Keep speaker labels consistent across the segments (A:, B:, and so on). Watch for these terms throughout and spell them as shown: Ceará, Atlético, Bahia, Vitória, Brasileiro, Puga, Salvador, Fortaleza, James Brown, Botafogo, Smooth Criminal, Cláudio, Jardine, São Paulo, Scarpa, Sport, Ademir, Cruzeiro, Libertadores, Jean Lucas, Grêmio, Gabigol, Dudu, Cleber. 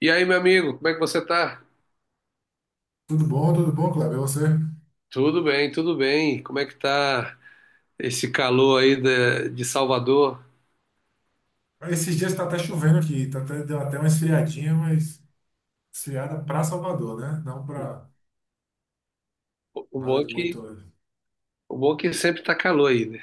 A: E aí, meu amigo, como é que você tá?
B: Tudo bom, Cláudio? E você?
A: Tudo bem, tudo bem. Como é que tá esse calor aí de Salvador?
B: Esses dias está até chovendo aqui, tá até, deu até uma esfriadinha, mas esfriada para Salvador, né? Não para
A: O bom
B: nada
A: é
B: de
A: que,
B: muito,
A: o bom é que sempre tá calor aí,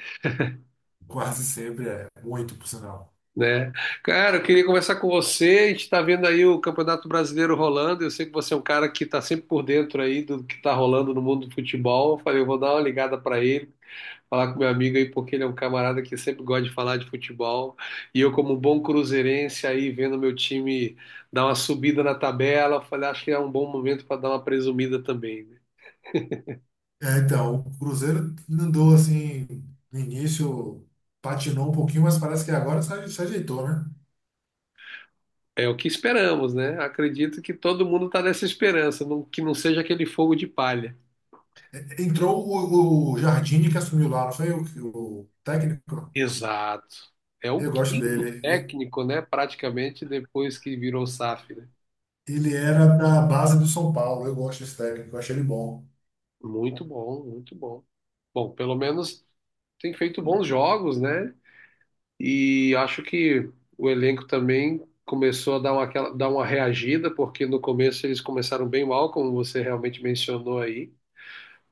B: quase sempre é muito, por sinal.
A: né? Cara, eu queria conversar com você. A gente tá vendo aí o Campeonato Brasileiro rolando. Eu sei que você é um cara que tá sempre por dentro aí do que tá rolando no mundo do futebol. Eu falei, eu vou dar uma ligada pra ele, falar com meu amigo aí, porque ele é um camarada que sempre gosta de falar de futebol. E eu, como bom cruzeirense, aí vendo meu time dar uma subida na tabela, eu falei, acho que é um bom momento para dar uma presumida também, né?
B: É, então, o Cruzeiro andou assim, no início patinou um pouquinho, mas parece que agora se ajeitou, né?
A: É o que esperamos, né? Acredito que todo mundo está nessa esperança, não- que não seja aquele fogo de palha.
B: Entrou o Jardine que assumiu lá, não foi o técnico?
A: Exato. É o
B: Eu gosto dele.
A: quinto técnico, né? Praticamente depois que virou SAF, né?
B: Ele era da base do São Paulo, eu gosto desse técnico, eu achei ele bom.
A: Muito bom, muito bom. Bom, pelo menos tem feito bons jogos, né? E acho que o elenco também começou a dar uma, aquela- dar uma reagida, porque no começo eles começaram bem mal, como você realmente mencionou aí.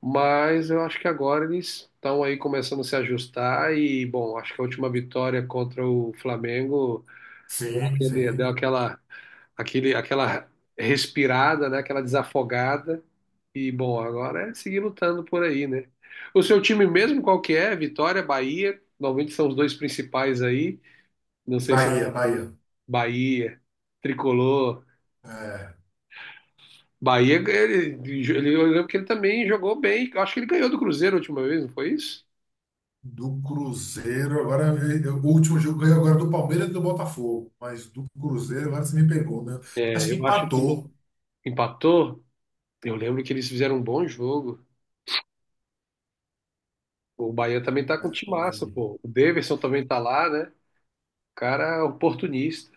A: Mas eu acho que agora eles estão aí começando a se ajustar e, bom, acho que a última vitória contra o Flamengo deu
B: Sim,
A: aquele, deu
B: sim.
A: aquela, aquele, aquela respirada, né? Aquela desafogada. E, bom, agora é seguir lutando por aí, né? O seu time mesmo, qual que é? Vitória, Bahia, normalmente são os dois principais aí. Não sei se o
B: Bahia, Bahia.
A: Bahia, Tricolor.
B: É,
A: Bahia, ele, eu lembro que ele também jogou bem. Eu acho que ele ganhou do Cruzeiro a última vez, não foi isso?
B: do Cruzeiro, agora o último jogo ganhou agora é do Palmeiras e do Botafogo, mas do Cruzeiro agora você me pegou, né? Acho
A: É,
B: que
A: eu acho que ele
B: empatou,
A: empatou. Eu lembro que eles fizeram um bom jogo. O Bahia também tá com
B: mas
A: um
B: eu não
A: timaço,
B: lembro.
A: pô. O Daverson também tá lá, né? O cara é oportunista.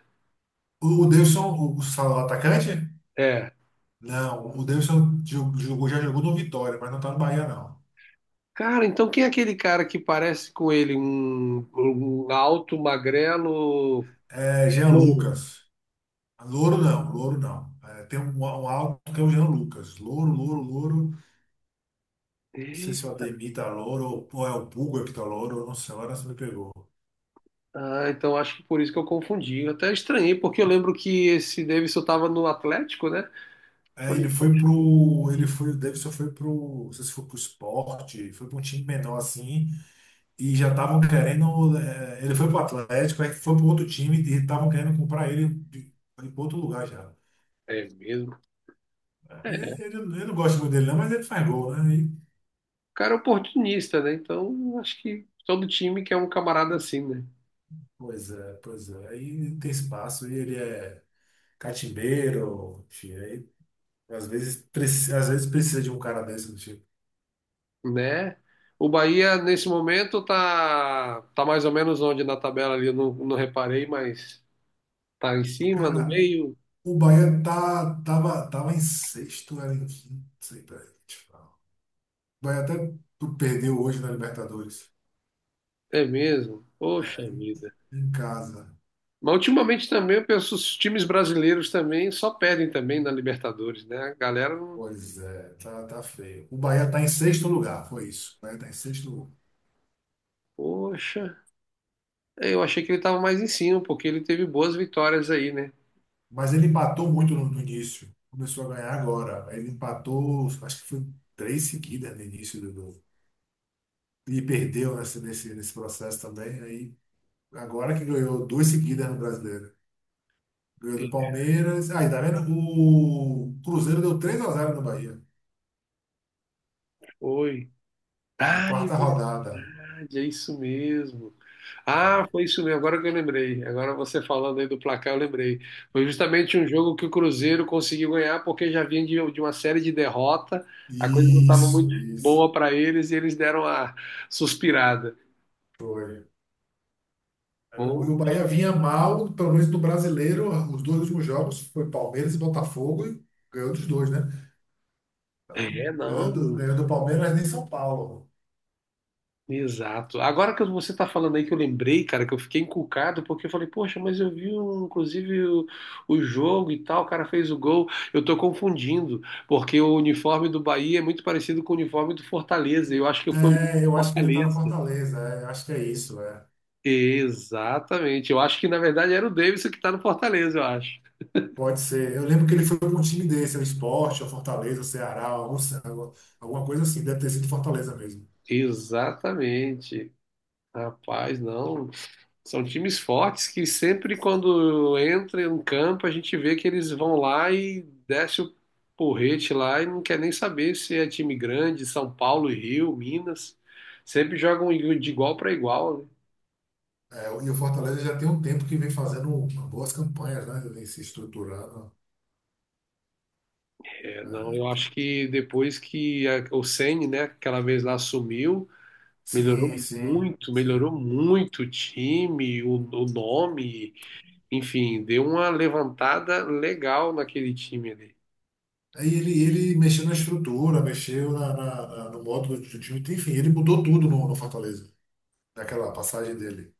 B: O Davidson, fala o atacante?
A: É.
B: Não, o Davidson jogou, já jogou no Vitória, mas não tá no Bahia, não.
A: Cara, então quem é aquele cara que parece com ele? Um alto, magrelo,
B: É Jean
A: louro?
B: Lucas. Louro não, Louro não. É, tem um, um alto que é o Jean Lucas. Louro, Louro, Louro. Não sei
A: É,
B: se é o Ademir tá Louro ou é o Puga que tá Louro, nossa, agora você me pegou.
A: ah, então acho que por isso que eu confundi. Eu até estranhei, porque eu lembro que esse Davidson estava no Atlético, né? Eu
B: Aí
A: falei,
B: ele foi
A: poxa,
B: pro. Ele foi, o Davidson foi pro. Não sei se foi pro esporte, foi pra um time menor assim, e já estavam querendo. Ele foi pro Atlético, aí foi pro outro time e estavam querendo comprar ele de outro lugar já.
A: é mesmo.
B: Ele,
A: É, o
B: ele, eu não gosto muito dele, não, mas ele faz gol, né?
A: cara é oportunista, né? Então acho que todo time quer um camarada assim, né?
B: Pois é, pois é. Aí tem espaço, e ele é catimbeiro, enfim, aí às vezes, às vezes precisa de um cara desse do tipo.
A: Né? O Bahia, nesse momento, tá mais ou menos onde na tabela ali, eu não reparei, mas tá em cima, no
B: Cara,
A: meio.
B: o Bahia tá, tava, tava em sexto, era em quinto, sei lá. Vai até tu perdeu hoje na Libertadores.
A: É mesmo. Poxa
B: É,
A: vida.
B: em casa.
A: Mas ultimamente também eu penso, os times brasileiros também só perdem também na Libertadores, né? A galera, não-
B: Pois é, tá, tá feio. O Bahia tá em sexto lugar, foi isso. O Bahia tá em sexto lugar.
A: poxa. É, eu achei que ele estava mais em cima, porque ele teve boas vitórias aí, né?
B: Mas ele empatou muito no início. Começou a ganhar agora. Ele empatou, acho que foi três seguidas no início E perdeu nesse processo também. Aí, agora que ganhou duas seguidas no Brasileiro. Ganhou do
A: Ele
B: Palmeiras. Aí, tá vendo? O Cruzeiro deu 3 a zero no Bahia.
A: foi.
B: Na quarta rodada.
A: Verdade, é isso mesmo. Ah,
B: É.
A: foi isso mesmo. Agora que eu lembrei. Agora você falando aí do placar, eu lembrei. Foi justamente um jogo que o Cruzeiro conseguiu ganhar, porque já vinha de uma série de derrota. A coisa não estava muito
B: Isso, isso.
A: boa para eles e eles deram a suspirada.
B: Foi. É,
A: Pô,
B: o Bahia vinha mal, pelo menos no brasileiro, os dois últimos jogos foi Palmeiras e Botafogo e ganhou dos dois, né? Então,
A: é, não.
B: ganhou Palmeiras nem São Paulo.
A: Exato. Agora que você está falando aí que eu lembrei, cara, que eu fiquei encucado, porque eu falei, poxa, mas eu vi um, inclusive o jogo e tal, o cara fez o gol. Eu tô confundindo, porque o uniforme do Bahia é muito parecido com o uniforme do Fortaleza. Eu acho que foi o jogo do
B: É, eu acho que ele tá na
A: Fortaleza.
B: Fortaleza, é, eu acho que é isso, é.
A: Exatamente. Eu acho que na verdade era o Davidson que tá no Fortaleza, eu acho.
B: Pode ser. Eu lembro que ele foi para um time desse, é o Sport, é o Fortaleza, o Ceará, algum, alguma coisa assim, deve ter sido Fortaleza mesmo.
A: Exatamente. Rapaz, não. São times fortes que sempre quando entra em campo a gente vê que eles vão lá e desce o porrete lá e não quer nem saber se é time grande, São Paulo, Rio, Minas. Sempre jogam de igual para igual, né?
B: É, e o Fortaleza já tem um tempo que vem fazendo boas campanhas, né? Vem se estruturando.
A: É, não, eu
B: É,
A: acho que depois que a- o Ceni, né, aquela vez lá sumiu,
B: sim, sim, sim.
A: melhorou muito o time, o nome, enfim, deu uma levantada legal naquele time ali.
B: Aí ele mexeu na estrutura, mexeu no modo do time, enfim, ele mudou tudo no Fortaleza, naquela passagem dele.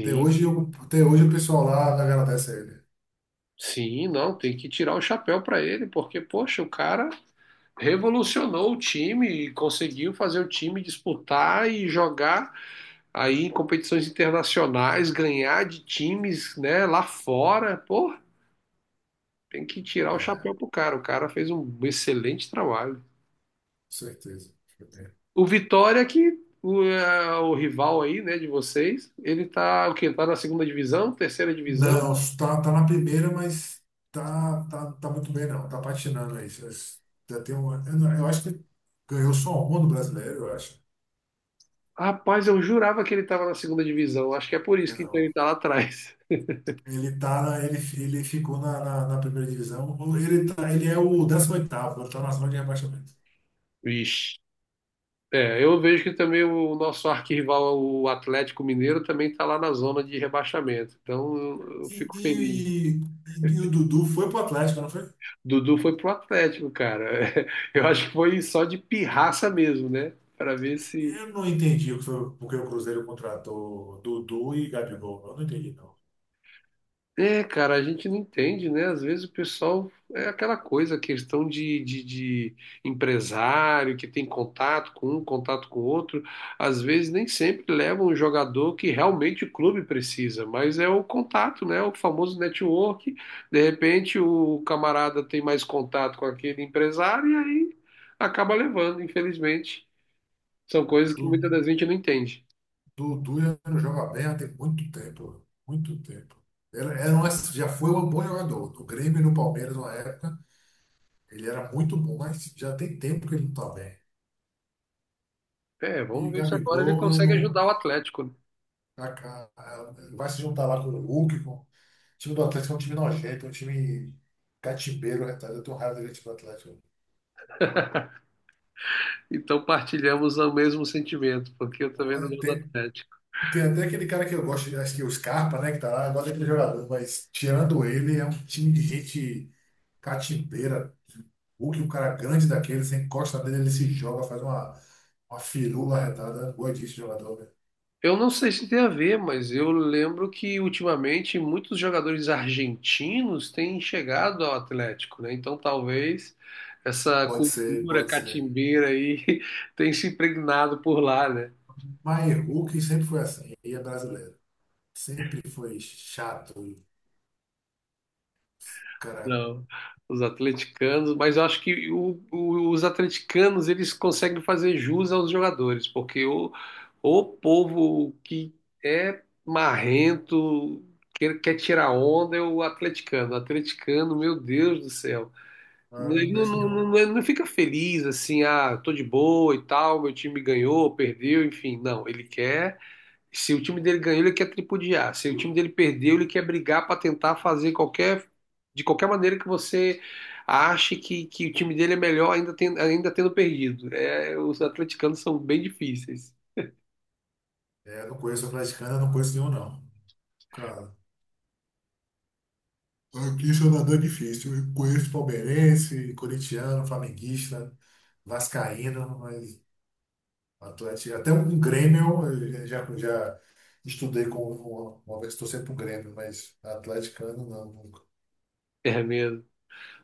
B: Até hoje, até hoje o pessoal lá agradece a ele.
A: Sim, não, tem que tirar o chapéu para ele, porque, poxa, o cara revolucionou o time e conseguiu fazer o time disputar e jogar aí em competições internacionais, ganhar de times, né, lá fora. Pô, tem que tirar
B: É,
A: o chapéu
B: com
A: pro cara. O cara fez um excelente trabalho.
B: certeza.
A: O Vitória, que o, é, o rival aí, né, de vocês, ele tá o quê? Tá na segunda divisão, terceira divisão?
B: Não, tá, tá na primeira, mas tá, tá, tá muito bem, não. Tá patinando aí. Já já tem uma, eu, não- eu acho que ganhou só uma do brasileiro, eu acho.
A: Rapaz, eu jurava que ele tava na segunda divisão. Acho que é por isso que então ele
B: Não.
A: tá lá atrás.
B: Ele tá na, ele ficou na primeira divisão. Ele, tá, ele é o décimo oitavo ele tá na zona de rebaixamento.
A: Vixe. É, eu vejo que também o nosso arquirrival, o Atlético Mineiro, também está lá na zona de rebaixamento. Então eu
B: E,
A: fico feliz.
B: e, e o Dudu foi pro Atlético, não foi?
A: Dudu foi pro Atlético, cara. Eu acho que foi só de pirraça mesmo, né? Para ver se
B: Eu não entendi o que foi, porque o Cruzeiro contratou Dudu e Gabigol. Eu não entendi, não.
A: é, cara, a gente não entende, né? Às vezes o pessoal é aquela coisa, questão de empresário que tem contato com um, contato com outro. Às vezes nem sempre leva um jogador que realmente o clube precisa, mas é o contato, né? O famoso network. De repente o camarada tem mais contato com aquele empresário e aí acaba levando, infelizmente. São
B: Era
A: coisas que
B: Du-
A: muitas das vezes a gente não entende.
B: Dudu já não joga bem há tem muito tempo. Muito tempo. Era, era um, já foi um bom jogador. No Grêmio e no Palmeiras, na época, ele era muito bom, mas já tem tempo que ele não está bem.
A: É, vamos
B: E
A: ver se agora ele
B: Gabigol, eu
A: consegue
B: não.
A: ajudar o Atlético, né?
B: Vai se juntar lá com o Hulk, com o time do Atlético, é um time nojento, é um time catimbeiro, retalho. Eu tenho raiva do time do Atlético.
A: Então partilhamos o mesmo sentimento, porque eu
B: Pô,
A: também não
B: é,
A: sou do
B: Tem,
A: Atlético.
B: tem até aquele cara que eu gosto, acho que é o Scarpa, né, que tá lá, eu gosto daquele jogador, mas tirando ele, é um time de gente catimbeira. O que um cara grande daquele, você encosta nele, ele se joga, faz uma firula arretada. Boa disso, jogador, velho.
A: Eu não sei se tem a ver, mas eu lembro que ultimamente muitos jogadores argentinos têm chegado ao Atlético, né? Então talvez essa
B: Pode ser,
A: cultura
B: pode ser.
A: catimbeira aí tenha se impregnado por lá, né?
B: Mas Hulk sempre foi assim, e é brasileiro. Sempre foi chato, cara.
A: Não, os atleticanos, mas eu acho que o- os atleticanos eles conseguem fazer jus aos jogadores, porque o povo que é marrento, que quer tirar onda, é o atleticano. O atleticano, meu Deus do céu,
B: Ah, eu não
A: ele não,
B: conheço
A: não, não,
B: nenhum.
A: não não fica feliz assim, ah, tô de boa e tal, meu time ganhou, perdeu, enfim, não, ele quer. Se o time dele ganhou, ele quer tripudiar. Se o time dele perdeu, ele quer brigar para tentar fazer qualquer de qualquer maneira que você ache que o time dele é melhor ainda, ten- ainda tendo perdido. É, os atleticanos são bem difíceis.
B: É, eu não conheço o atleticano, eu não conheço nenhum, não. Cara, aqui em é difícil. Eu conheço palmeirense, corintiano, flamenguista, vascaíno, mas Atlético, até um Grêmio, eu já, já estudei com uma vez, estou sempre um Grêmio, mas atleticano não, nunca.
A: É mesmo.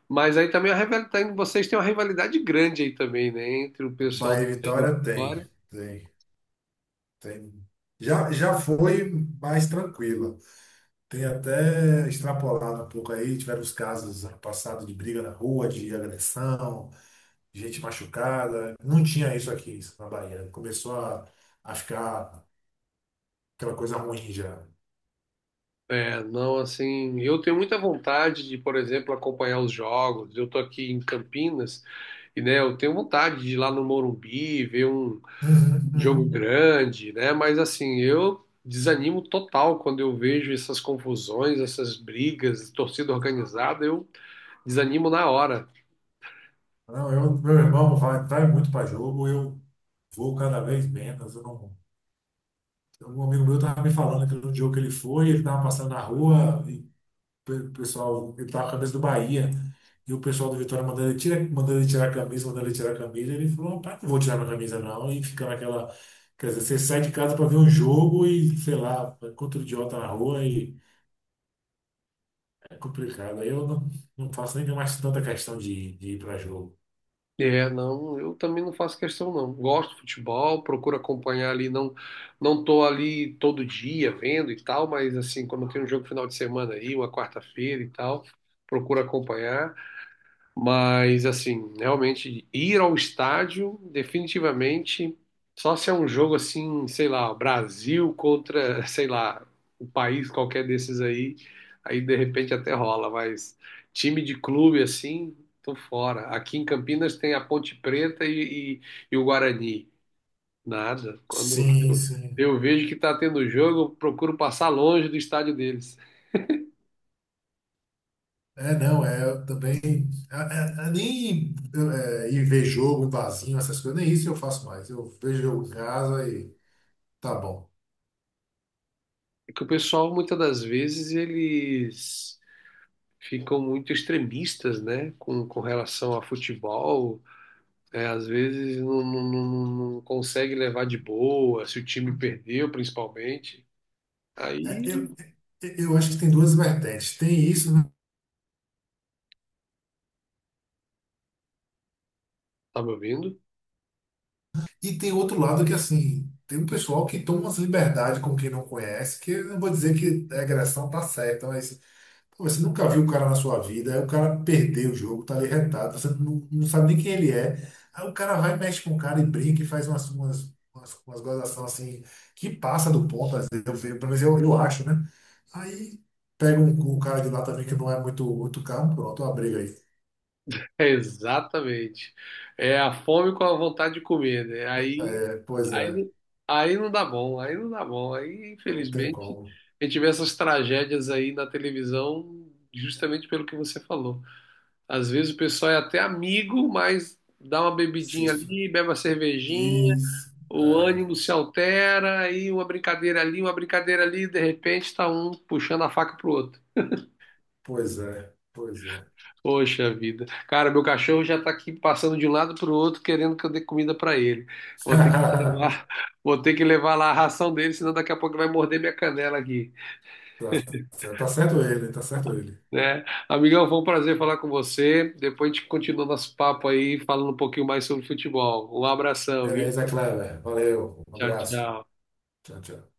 A: Mas aí também a rivalidade, vocês têm uma rivalidade grande aí também, né? Entre o pessoal
B: Bahia e
A: do Bahia e do
B: Vitória tem,
A: Vitória.
B: tem, tem. Já, já foi mais tranquila. Tem até extrapolado um pouco aí, tiveram os casos ano passado de briga na rua, de agressão. Gente machucada. Não tinha isso aqui, isso na Bahia. Começou a ficar aquela coisa ruim já.
A: É, não, assim, eu tenho muita vontade de, por exemplo, acompanhar os jogos. Eu tô aqui em Campinas e, né, eu tenho vontade de ir lá no Morumbi, ver um
B: Uhum,
A: jogo
B: uhum.
A: grande, né? Mas assim, eu desanimo total quando eu vejo essas confusões, essas brigas, torcida organizada, eu desanimo na hora.
B: Não, eu, meu irmão vai, vai muito para jogo, eu vou cada vez menos. Eu não, um amigo meu estava me falando que no jogo que ele foi, ele estava passando na rua e o pessoal, ele estava com a camisa do Bahia. E o pessoal do Vitória mandando ele, tira, mandando ele tirar a camisa, mandando ele tirar a camisa. Ele falou, rapaz, não vou tirar minha camisa não. E fica naquela. Quer dizer, você sai de casa para ver um jogo e, sei lá, encontra o idiota na rua e é complicado. Aí eu não, não faço nem mais tanta questão de ir para jogo.
A: É, não, eu também não faço questão não. Gosto de futebol, procuro acompanhar ali, não tô ali todo dia vendo e tal, mas assim, quando tem um jogo final de semana aí, uma quarta-feira e tal, procuro acompanhar. Mas, assim, realmente ir ao estádio, definitivamente, só se é um jogo assim, sei lá, Brasil contra, sei lá, o país qualquer desses aí, aí de repente até rola, mas time de clube assim, tô fora. Aqui em Campinas tem a Ponte Preta e e o Guarani. Nada. Quando
B: Sim,
A: eu,
B: sim.
A: eu vejo que tá tendo jogo, eu procuro passar longe do estádio deles.
B: É, não, é eu também. É, nem ir ver jogo em barzinho, essas coisas, nem isso eu faço mais. Eu vejo jogo em casa e tá bom.
A: É que o pessoal, muitas das vezes, eles ficam muito extremistas, né, com relação a futebol. É, às vezes não consegue levar de boa, se o time perdeu, principalmente.
B: É,
A: Aí,
B: eu, é, eu acho que tem duas vertentes. Tem isso, né?
A: tá me ouvindo?
B: E tem outro lado que, assim, tem um pessoal que toma umas liberdades com quem não conhece, que eu não vou dizer que a agressão tá certa, mas. Pô, você nunca viu o cara na sua vida, aí o cara perdeu o jogo, tá ali retado, você não, não sabe nem quem ele é. Aí o cara vai, mexe com o cara e brinca e faz umas gozações assim, que passa do ponto, às vezes, eu, vejo, pelo menos eu acho, né? Aí pega um cara de lá também que não é muito, muito carro, pronto, uma briga aí.
A: É, exatamente. É a fome com a vontade de comer, né?
B: É, pois é,
A: Aí, aí não dá bom, aí não dá bom. Aí,
B: não tem
A: infelizmente,
B: como.
A: a gente vê essas tragédias aí na televisão justamente pelo que você falou. Às vezes o pessoal é até amigo, mas dá uma bebidinha
B: Insisto.
A: ali, bebe uma cervejinha,
B: Isso.
A: o
B: É,
A: ânimo se altera, aí uma brincadeira ali, de repente tá um puxando a faca pro outro.
B: pois é, pois é.
A: Poxa vida. Cara, meu cachorro já tá aqui passando de um lado pro outro, querendo que eu dê comida pra ele. Vou ter que levar, vou ter que levar lá a ração dele, senão daqui a pouco ele vai morder minha canela aqui,
B: Tá, tá certo ele, tá certo ele.
A: né? Amigão, foi um prazer falar com você. Depois a gente continua nosso papo aí, falando um pouquinho mais sobre futebol. Um abração, viu?
B: Beleza, Cleber. Valeu, um
A: Tchau,
B: abraço.
A: tchau.
B: Tchau, tchau.